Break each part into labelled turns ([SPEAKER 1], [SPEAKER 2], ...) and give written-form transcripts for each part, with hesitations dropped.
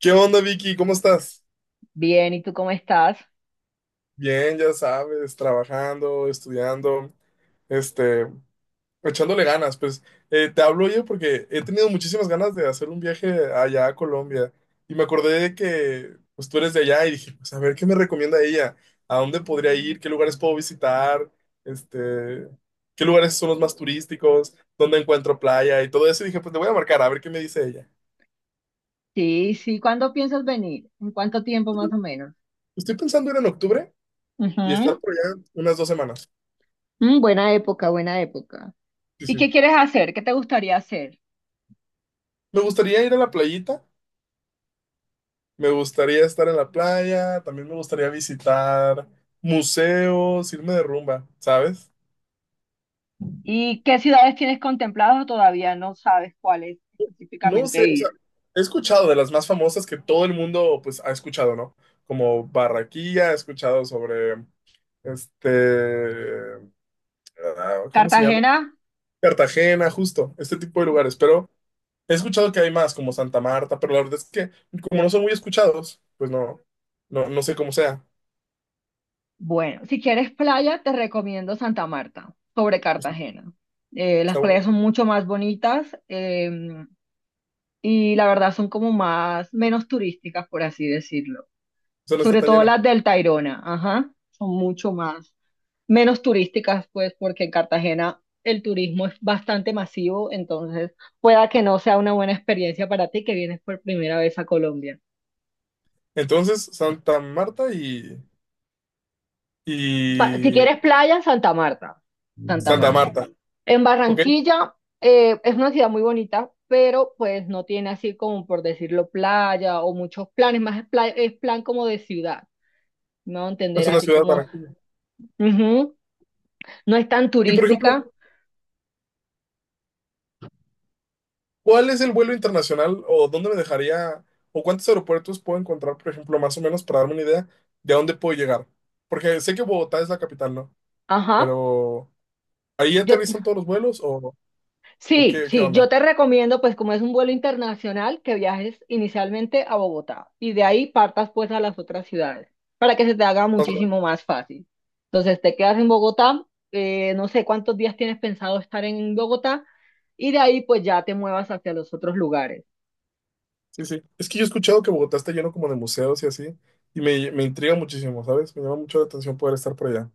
[SPEAKER 1] ¿Qué onda, Vicky? ¿Cómo estás?
[SPEAKER 2] Bien, ¿y tú cómo estás?
[SPEAKER 1] Bien, ya sabes, trabajando, estudiando, este, echándole ganas. Pues te hablo yo porque he tenido muchísimas ganas de hacer un viaje allá a Colombia y me acordé de que pues, tú eres de allá y dije, pues a ver, ¿qué me recomienda ella? ¿A dónde podría ir? ¿Qué lugares puedo visitar? Este, ¿Qué lugares son los más turísticos? ¿Dónde encuentro playa? Y todo eso. Y dije, pues te voy a marcar, a ver qué me dice ella.
[SPEAKER 2] Sí, sí, ¿cuándo piensas venir? ¿En cuánto tiempo más o menos?
[SPEAKER 1] Estoy pensando ir en octubre y
[SPEAKER 2] Ujú.
[SPEAKER 1] estar por allá unas 2 semanas.
[SPEAKER 2] Buena época, buena época.
[SPEAKER 1] Sí,
[SPEAKER 2] ¿Y
[SPEAKER 1] sí.
[SPEAKER 2] qué quieres hacer? ¿Qué te gustaría hacer?
[SPEAKER 1] Me gustaría ir a la playita, me gustaría estar en la playa, también me gustaría visitar museos, irme de rumba, ¿sabes?
[SPEAKER 2] ¿Y qué ciudades tienes contempladas o todavía no sabes cuáles
[SPEAKER 1] No
[SPEAKER 2] específicamente
[SPEAKER 1] sé, o sea,
[SPEAKER 2] ir?
[SPEAKER 1] he escuchado de las más famosas que todo el mundo pues ha escuchado, ¿no? Como Barraquilla, he escuchado sobre este, ah, ¿cómo se llama?
[SPEAKER 2] ¿Cartagena?
[SPEAKER 1] Cartagena, justo, este tipo de lugares, pero he escuchado que hay más como Santa Marta, pero la verdad es que como no son muy escuchados, pues no, no sé cómo sea.
[SPEAKER 2] Bueno, si quieres playa, te recomiendo Santa Marta sobre
[SPEAKER 1] Está,
[SPEAKER 2] Cartagena. Las
[SPEAKER 1] está
[SPEAKER 2] playas
[SPEAKER 1] bonito,
[SPEAKER 2] son mucho más bonitas, y la verdad son como más, menos turísticas, por así decirlo.
[SPEAKER 1] o sea, no está
[SPEAKER 2] Sobre
[SPEAKER 1] tan
[SPEAKER 2] todo
[SPEAKER 1] llena.
[SPEAKER 2] las del Tayrona, ajá, son mucho más, menos turísticas, pues, porque en Cartagena el turismo es bastante masivo, entonces pueda que no sea una buena experiencia para ti que vienes por primera vez a Colombia.
[SPEAKER 1] Entonces, Santa Marta y,
[SPEAKER 2] Si
[SPEAKER 1] y
[SPEAKER 2] quieres playa, Santa Marta, Santa
[SPEAKER 1] Santa
[SPEAKER 2] Marta.
[SPEAKER 1] Marta,
[SPEAKER 2] En
[SPEAKER 1] ¿ok?
[SPEAKER 2] Barranquilla, es una ciudad muy bonita, pero pues no tiene así como por decirlo playa o muchos planes, más es, es plan como de ciudad, ¿no? Entender
[SPEAKER 1] Es una
[SPEAKER 2] así
[SPEAKER 1] ciudad
[SPEAKER 2] como,
[SPEAKER 1] Barranquilla.
[SPEAKER 2] ujú, no es tan
[SPEAKER 1] Y por
[SPEAKER 2] turística.
[SPEAKER 1] ejemplo, ¿cuál es el vuelo internacional o dónde me dejaría o cuántos aeropuertos puedo encontrar, por ejemplo, más o menos para darme una idea de a dónde puedo llegar? Porque sé que Bogotá es la capital, ¿no?
[SPEAKER 2] Ajá.
[SPEAKER 1] Pero ¿ahí
[SPEAKER 2] Yo,
[SPEAKER 1] aterrizan todos los vuelos o
[SPEAKER 2] sí,
[SPEAKER 1] qué, qué
[SPEAKER 2] sí, yo
[SPEAKER 1] onda?
[SPEAKER 2] te recomiendo, pues como es un vuelo internacional, que viajes inicialmente a Bogotá y de ahí partas pues a las otras ciudades para que se te haga
[SPEAKER 1] Más o menos.
[SPEAKER 2] muchísimo más fácil. Entonces te quedas en Bogotá. No sé cuántos días tienes pensado estar en Bogotá y de ahí pues ya te muevas hacia los otros lugares.
[SPEAKER 1] Sí, sí. Es que yo he escuchado que Bogotá está lleno como de museos y así, y me intriga muchísimo, ¿sabes? Me llama mucho la atención poder estar por allá.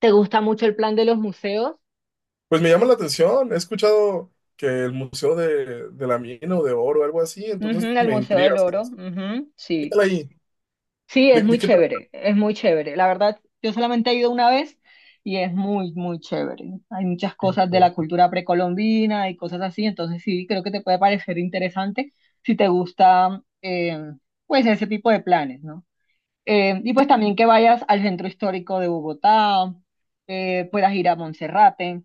[SPEAKER 2] ¿Te gusta mucho el plan de los museos?
[SPEAKER 1] Pues me llama la atención. He escuchado que el Museo de la Mina o de Oro, algo así,
[SPEAKER 2] Ujú,
[SPEAKER 1] entonces
[SPEAKER 2] el
[SPEAKER 1] me
[SPEAKER 2] Museo
[SPEAKER 1] intriga.
[SPEAKER 2] del Oro,
[SPEAKER 1] ¿Sabes?
[SPEAKER 2] ujú,
[SPEAKER 1] ¿Qué tal
[SPEAKER 2] sí.
[SPEAKER 1] ahí?
[SPEAKER 2] Sí, es
[SPEAKER 1] De
[SPEAKER 2] muy
[SPEAKER 1] qué trata?
[SPEAKER 2] chévere, es muy chévere. La verdad, yo solamente he ido una vez y es muy, muy chévere. Hay muchas cosas de la cultura precolombina y cosas así, entonces sí, creo que te puede parecer interesante si te gusta, pues, ese tipo de planes, ¿no? Y pues también que vayas al centro histórico de Bogotá, puedas ir a Monserrate,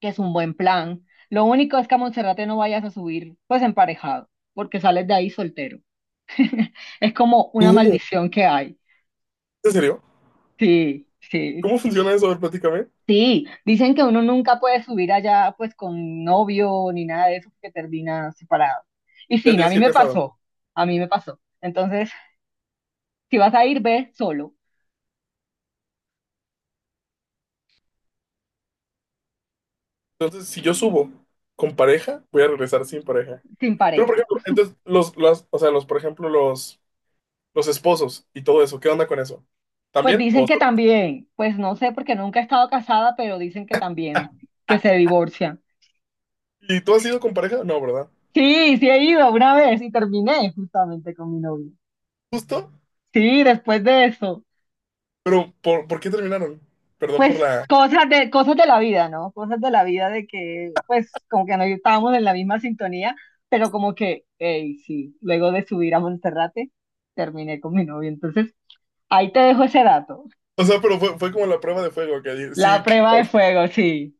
[SPEAKER 2] que es un buen plan. Lo único es que a Monserrate no vayas a subir, pues, emparejado, porque sales de ahí soltero. Es como una
[SPEAKER 1] ¿Cómo?
[SPEAKER 2] maldición que hay.
[SPEAKER 1] ¿En serio?
[SPEAKER 2] Sí, sí,
[SPEAKER 1] ¿Cómo funciona eso? A ver, platícame.
[SPEAKER 2] sí. Dicen que uno nunca puede subir allá pues con novio ni nada de eso porque termina separado. Y
[SPEAKER 1] Ya
[SPEAKER 2] sí, a
[SPEAKER 1] tienes
[SPEAKER 2] mí
[SPEAKER 1] que ir
[SPEAKER 2] me
[SPEAKER 1] casado.
[SPEAKER 2] pasó, a mí me pasó. Entonces, si vas a ir, ve solo,
[SPEAKER 1] Entonces, si yo subo con pareja, voy a regresar sin pareja.
[SPEAKER 2] sin
[SPEAKER 1] Pero, por
[SPEAKER 2] pareja.
[SPEAKER 1] ejemplo, entonces, los o sea, los, por ejemplo, los esposos y todo eso, ¿qué onda con eso?
[SPEAKER 2] Pues
[SPEAKER 1] ¿También?
[SPEAKER 2] dicen
[SPEAKER 1] ¿O
[SPEAKER 2] que
[SPEAKER 1] solo?
[SPEAKER 2] también, pues no sé porque nunca he estado casada, pero dicen que también, que se divorcian.
[SPEAKER 1] ¿Y tú has ido con pareja? No, ¿verdad?
[SPEAKER 2] Sí, sí he ido una vez y terminé justamente con mi novio.
[SPEAKER 1] Justo,
[SPEAKER 2] Sí, después de eso.
[SPEAKER 1] pero por qué terminaron? Perdón por
[SPEAKER 2] Pues
[SPEAKER 1] la...
[SPEAKER 2] cosas de la vida, ¿no? Cosas de la vida de que, pues, como que no estábamos en la misma sintonía, pero como que, hey, sí, luego de subir a Monserrate, terminé con mi novio. Entonces, ahí te dejo ese dato.
[SPEAKER 1] O sea, pero fue como la prueba de fuego, que dije, si
[SPEAKER 2] La prueba de
[SPEAKER 1] pas-
[SPEAKER 2] fuego, sí.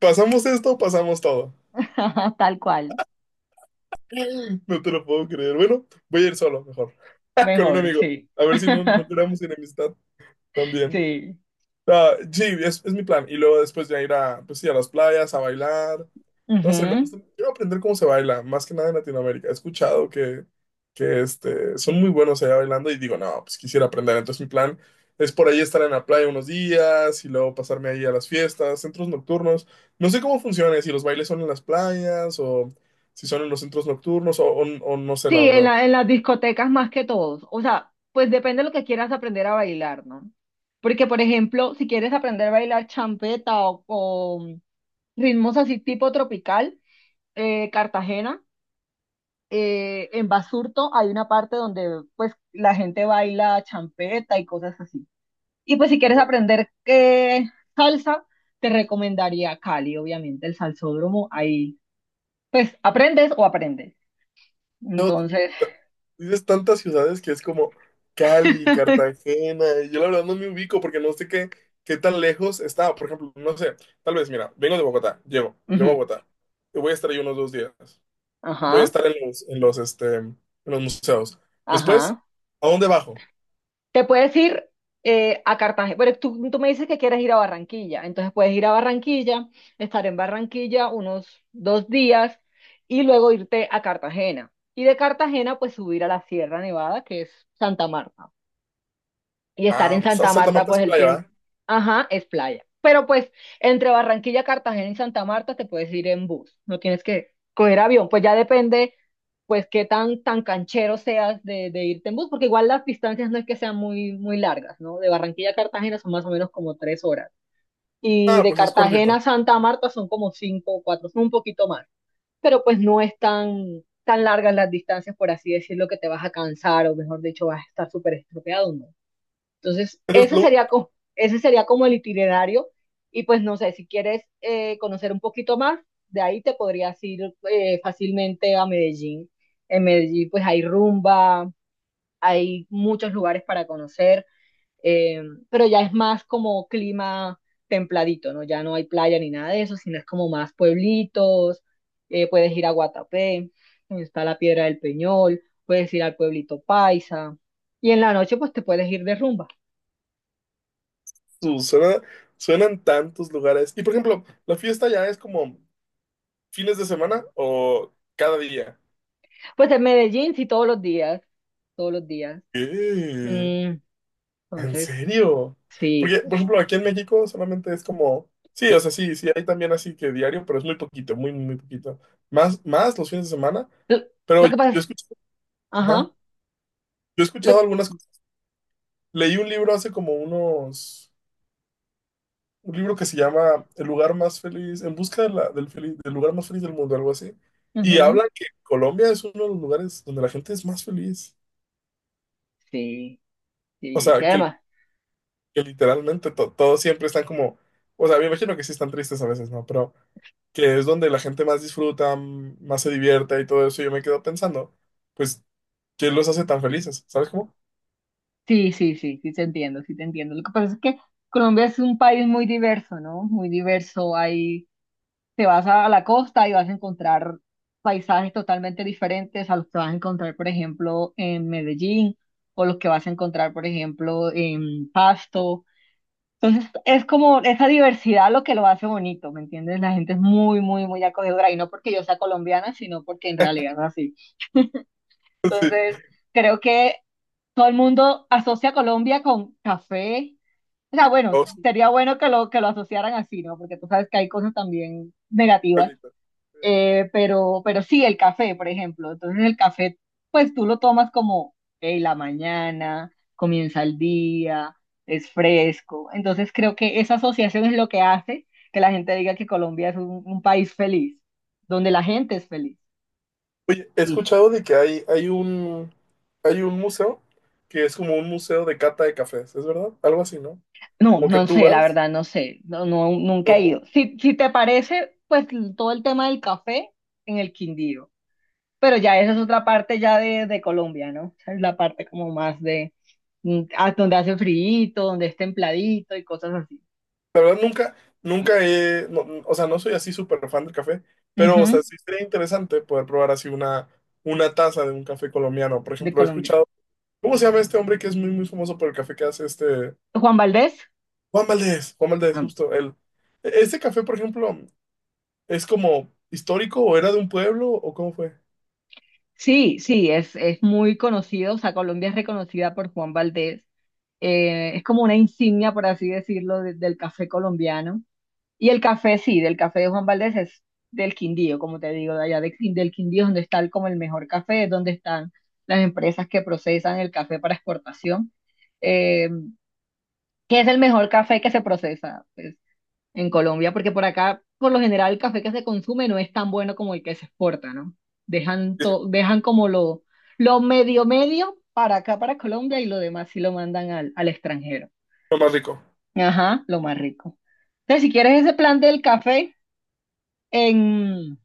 [SPEAKER 1] pasamos esto, pasamos todo.
[SPEAKER 2] Tal cual.
[SPEAKER 1] No te lo puedo creer. Bueno, voy a ir solo, mejor. Con un
[SPEAKER 2] Mejor,
[SPEAKER 1] amigo.
[SPEAKER 2] sí.
[SPEAKER 1] A ver si no, no creamos enemistad también.
[SPEAKER 2] Sí.
[SPEAKER 1] Ah, sí, es mi plan. Y luego después ya ir a, pues sí, a las playas, a bailar.
[SPEAKER 2] Ujú.
[SPEAKER 1] No sé, me gusta. Quiero aprender cómo se baila, más que nada en Latinoamérica. He escuchado que este, son muy buenos allá bailando y digo, no, pues quisiera aprender. Entonces mi plan es por ahí estar en la playa unos días y luego pasarme ahí a las fiestas, centros nocturnos. No sé cómo funciona, si los bailes son en las playas o si son en los centros nocturnos o no sé, la
[SPEAKER 2] Sí,
[SPEAKER 1] verdad.
[SPEAKER 2] en las discotecas más que todos. O sea, pues depende de lo que quieras aprender a bailar, ¿no? Porque, por ejemplo, si quieres aprender a bailar champeta o ritmos así tipo tropical, Cartagena. En Basurto hay una parte donde pues la gente baila champeta y cosas así. Y pues si quieres aprender, salsa, te recomendaría Cali, obviamente, el salsódromo. Ahí pues aprendes o aprendes.
[SPEAKER 1] No,
[SPEAKER 2] Entonces,
[SPEAKER 1] dices tantas ciudades que es como Cali, Cartagena, y yo la verdad no me ubico porque no sé qué tan lejos está. Por ejemplo, no sé, tal vez, mira, vengo de Bogotá, llego, llego a
[SPEAKER 2] ujú,
[SPEAKER 1] Bogotá, y voy a estar ahí unos 2 días, voy a
[SPEAKER 2] ajá,
[SPEAKER 1] estar en este, en los museos. Después,
[SPEAKER 2] ajá.
[SPEAKER 1] ¿a dónde bajo?
[SPEAKER 2] Te puedes ir a Cartagena, pero tú me dices que quieres ir a Barranquilla, entonces puedes ir a Barranquilla, estar en Barranquilla unos 2 días y luego irte a Cartagena. Y de Cartagena, pues subir a la Sierra Nevada, que es Santa Marta. Y estar
[SPEAKER 1] Ah,
[SPEAKER 2] en Santa
[SPEAKER 1] Santa
[SPEAKER 2] Marta,
[SPEAKER 1] Marta es
[SPEAKER 2] pues el
[SPEAKER 1] playa,
[SPEAKER 2] tiempo,
[SPEAKER 1] ¿va?
[SPEAKER 2] ajá, es playa. Pero pues entre Barranquilla, Cartagena y Santa Marta te puedes ir en bus, no tienes que coger avión, pues ya depende, pues qué tan canchero seas de irte en bus, porque igual las distancias no es que sean muy, muy largas, ¿no? De Barranquilla a Cartagena son más o menos como 3 horas. Y
[SPEAKER 1] Ah,
[SPEAKER 2] de
[SPEAKER 1] pues es
[SPEAKER 2] Cartagena
[SPEAKER 1] cortito.
[SPEAKER 2] a Santa Marta son como cinco o cuatro, son un poquito más. Pero pues no es tan largas las distancias, por así decirlo, que te vas a cansar o mejor dicho, vas a estar súper estropeado, no. Entonces,
[SPEAKER 1] Pero lo-
[SPEAKER 2] ese sería como el itinerario. Y pues no sé, si quieres, conocer un poquito más, de ahí te podrías ir fácilmente a Medellín. En Medellín pues hay rumba, hay muchos lugares para conocer, eh, pero ya es más como clima templadito, ¿no? Ya no hay playa ni nada de eso, sino es como más pueblitos, puedes ir a Guatapé, donde está la Piedra del Peñol, puedes ir al pueblito Paisa, y en la noche pues te puedes ir de rumba.
[SPEAKER 1] su- suena- Suenan tantos lugares. Y por ejemplo, ¿la fiesta ya es como fines de semana o cada día?
[SPEAKER 2] Pues en Medellín sí todos los días, todos los días.
[SPEAKER 1] ¿Qué?
[SPEAKER 2] Mm,
[SPEAKER 1] ¿En
[SPEAKER 2] entonces,
[SPEAKER 1] serio?
[SPEAKER 2] sí.
[SPEAKER 1] Porque, por ejemplo, aquí en México solamente es como, sí, o sea, sí, sí, hay también así que diario, pero es muy poquito, muy, muy poquito. Más los fines de semana,
[SPEAKER 2] Lo,
[SPEAKER 1] pero
[SPEAKER 2] lo que pasa
[SPEAKER 1] yo he
[SPEAKER 2] es,
[SPEAKER 1] escuchado, ajá,
[SPEAKER 2] ajá,
[SPEAKER 1] yo he
[SPEAKER 2] lo,
[SPEAKER 1] escuchado algunas cosas. Leí un libro hace como unos, un libro que se llama El lugar más feliz, en busca de del lugar más feliz del mundo, algo así. Y
[SPEAKER 2] ujú,
[SPEAKER 1] habla que Colombia es uno de los lugares donde la gente es más feliz.
[SPEAKER 2] sí,
[SPEAKER 1] O
[SPEAKER 2] sí, sí,
[SPEAKER 1] sea,
[SPEAKER 2] además,
[SPEAKER 1] que literalmente todos siempre están como, o sea, me imagino que sí están tristes a veces, ¿no? Pero... que es donde la gente más disfruta, más se divierte y todo eso, yo me quedo pensando, pues, ¿qué los hace tan felices? ¿Sabes cómo?
[SPEAKER 2] sí, sí, sí, sí te entiendo, sí te entiendo. Lo que pasa es que Colombia es un país muy diverso, ¿no? Muy diverso. Ahí te vas a la costa y vas a encontrar paisajes totalmente diferentes a los que vas a encontrar, por ejemplo, en Medellín o los que vas a encontrar, por ejemplo, en Pasto. Entonces, es como esa diversidad lo que lo hace bonito, ¿me entiendes? La gente es muy, muy, muy acogedora y no porque yo sea colombiana, sino porque en realidad es así.
[SPEAKER 1] Sí,
[SPEAKER 2] Entonces, creo que todo el mundo asocia Colombia con café. O sea, bueno,
[SPEAKER 1] o sus
[SPEAKER 2] sería bueno que que lo asociaran así, ¿no? Porque tú sabes que hay cosas también negativas,
[SPEAKER 1] palitas.
[SPEAKER 2] pero sí, el café, por ejemplo. Entonces el café, pues tú lo tomas como, hey, la mañana, comienza el día, es fresco. Entonces creo que esa asociación es lo que hace que la gente diga que Colombia es un país feliz, donde la gente es feliz.
[SPEAKER 1] Oye, he
[SPEAKER 2] Sí.
[SPEAKER 1] escuchado de que hay un museo que es como un museo de cata de cafés, ¿es verdad? Algo así, ¿no?
[SPEAKER 2] No,
[SPEAKER 1] Como que
[SPEAKER 2] no
[SPEAKER 1] tú
[SPEAKER 2] sé, la
[SPEAKER 1] vas,
[SPEAKER 2] verdad, no sé. No, no, nunca he
[SPEAKER 1] yo,
[SPEAKER 2] ido. Si te parece, pues todo el tema del café en el Quindío. Pero ya esa es otra parte ya de Colombia, ¿no? Esa es la parte como más de, donde hace frío, donde es templadito y cosas así.
[SPEAKER 1] la verdad nunca, nunca he, no- no, o sea, no soy así súper fan del café, pero, o sea,
[SPEAKER 2] Ujú,
[SPEAKER 1] sí sería interesante poder probar así una taza de un café colombiano. Por
[SPEAKER 2] de
[SPEAKER 1] ejemplo, he
[SPEAKER 2] Colombia.
[SPEAKER 1] escuchado. ¿Cómo se llama este hombre que es muy, muy famoso por el café que hace este?
[SPEAKER 2] Juan Valdés.
[SPEAKER 1] Juan Valdez, Juan Valdez,
[SPEAKER 2] Ah,
[SPEAKER 1] justo él. ¿Ese café, por ejemplo, es como histórico o era de un pueblo o cómo fue?
[SPEAKER 2] sí, sí, es muy conocido, o sea, Colombia es reconocida por Juan Valdés. Es como una insignia, por así decirlo, del café colombiano. Y el café, sí, del café de Juan Valdés es del Quindío, como te digo, de allá del Quindío, es donde está como el mejor café, es donde están las empresas que procesan el café para exportación. Eh, ¿Qué es el mejor café que se procesa, pues, en Colombia? Porque por acá, por lo general, el café que se consume no es tan bueno como el que se exporta, ¿no? Dejan,
[SPEAKER 1] Sí,
[SPEAKER 2] to- dejan como lo medio medio para acá, para Colombia, y lo demás sí lo mandan al extranjero.
[SPEAKER 1] lo más rico.
[SPEAKER 2] Ajá, lo más rico. Entonces, si quieres ese plan del café. En,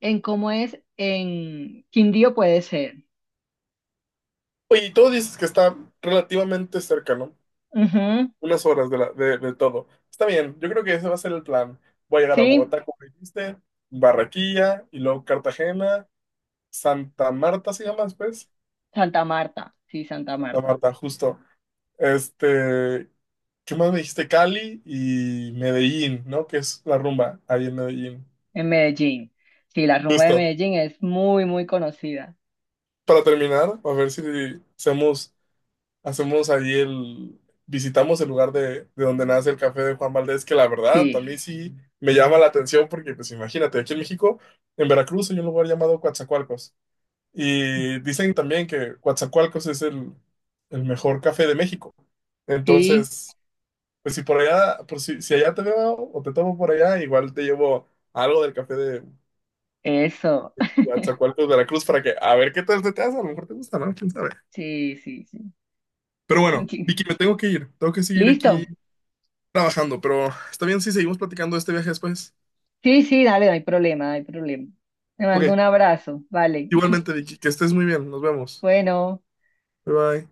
[SPEAKER 2] en cómo es, en Quindío puede ser.
[SPEAKER 1] Oye, y tú dices que está relativamente cerca, ¿no?
[SPEAKER 2] Ujú,
[SPEAKER 1] Unas horas de todo. Está bien, yo creo que ese va a ser el plan. Voy a llegar a
[SPEAKER 2] sí,
[SPEAKER 1] Bogotá, como dijiste, Barranquilla, y luego Cartagena, Santa Marta se llama después.
[SPEAKER 2] Santa Marta, sí, Santa
[SPEAKER 1] Santa
[SPEAKER 2] Marta,
[SPEAKER 1] Marta, justo. Este, ¿qué más me dijiste? Cali y Medellín, ¿no? Que es la rumba ahí en Medellín.
[SPEAKER 2] en Medellín. Sí, la rumba de
[SPEAKER 1] Justo.
[SPEAKER 2] Medellín es muy, muy conocida.
[SPEAKER 1] Para terminar, a ver si hacemos, hacemos ahí el, visitamos el lugar de donde nace el café de Juan Valdés, que la verdad
[SPEAKER 2] Sí,
[SPEAKER 1] también sí me llama la atención porque, pues imagínate, aquí en México, en Veracruz hay un lugar llamado Coatzacoalcos. Y dicen también que Coatzacoalcos es el mejor café de México.
[SPEAKER 2] sí,
[SPEAKER 1] Entonces, pues si por allá, por si, si allá te veo o te tomo por allá, igual te llevo algo del café de
[SPEAKER 2] eso.
[SPEAKER 1] Coatzacoalcos, Veracruz, para que a ver qué tal se te hace. A lo mejor te gusta, ¿no? ¿Quién sabe?
[SPEAKER 2] Sí, sí, sí.
[SPEAKER 1] Pero bueno,
[SPEAKER 2] Sí.
[SPEAKER 1] Vicky, me tengo que ir. Tengo que seguir aquí
[SPEAKER 2] Listo.
[SPEAKER 1] trabajando, pero está bien si seguimos platicando de este viaje después.
[SPEAKER 2] Sí, sí, dale, no hay problema, no hay problema. Te mando
[SPEAKER 1] Ok,
[SPEAKER 2] un abrazo, vale.
[SPEAKER 1] igualmente, Vicky, que estés muy bien. Nos vemos.
[SPEAKER 2] Bueno.
[SPEAKER 1] Bye bye.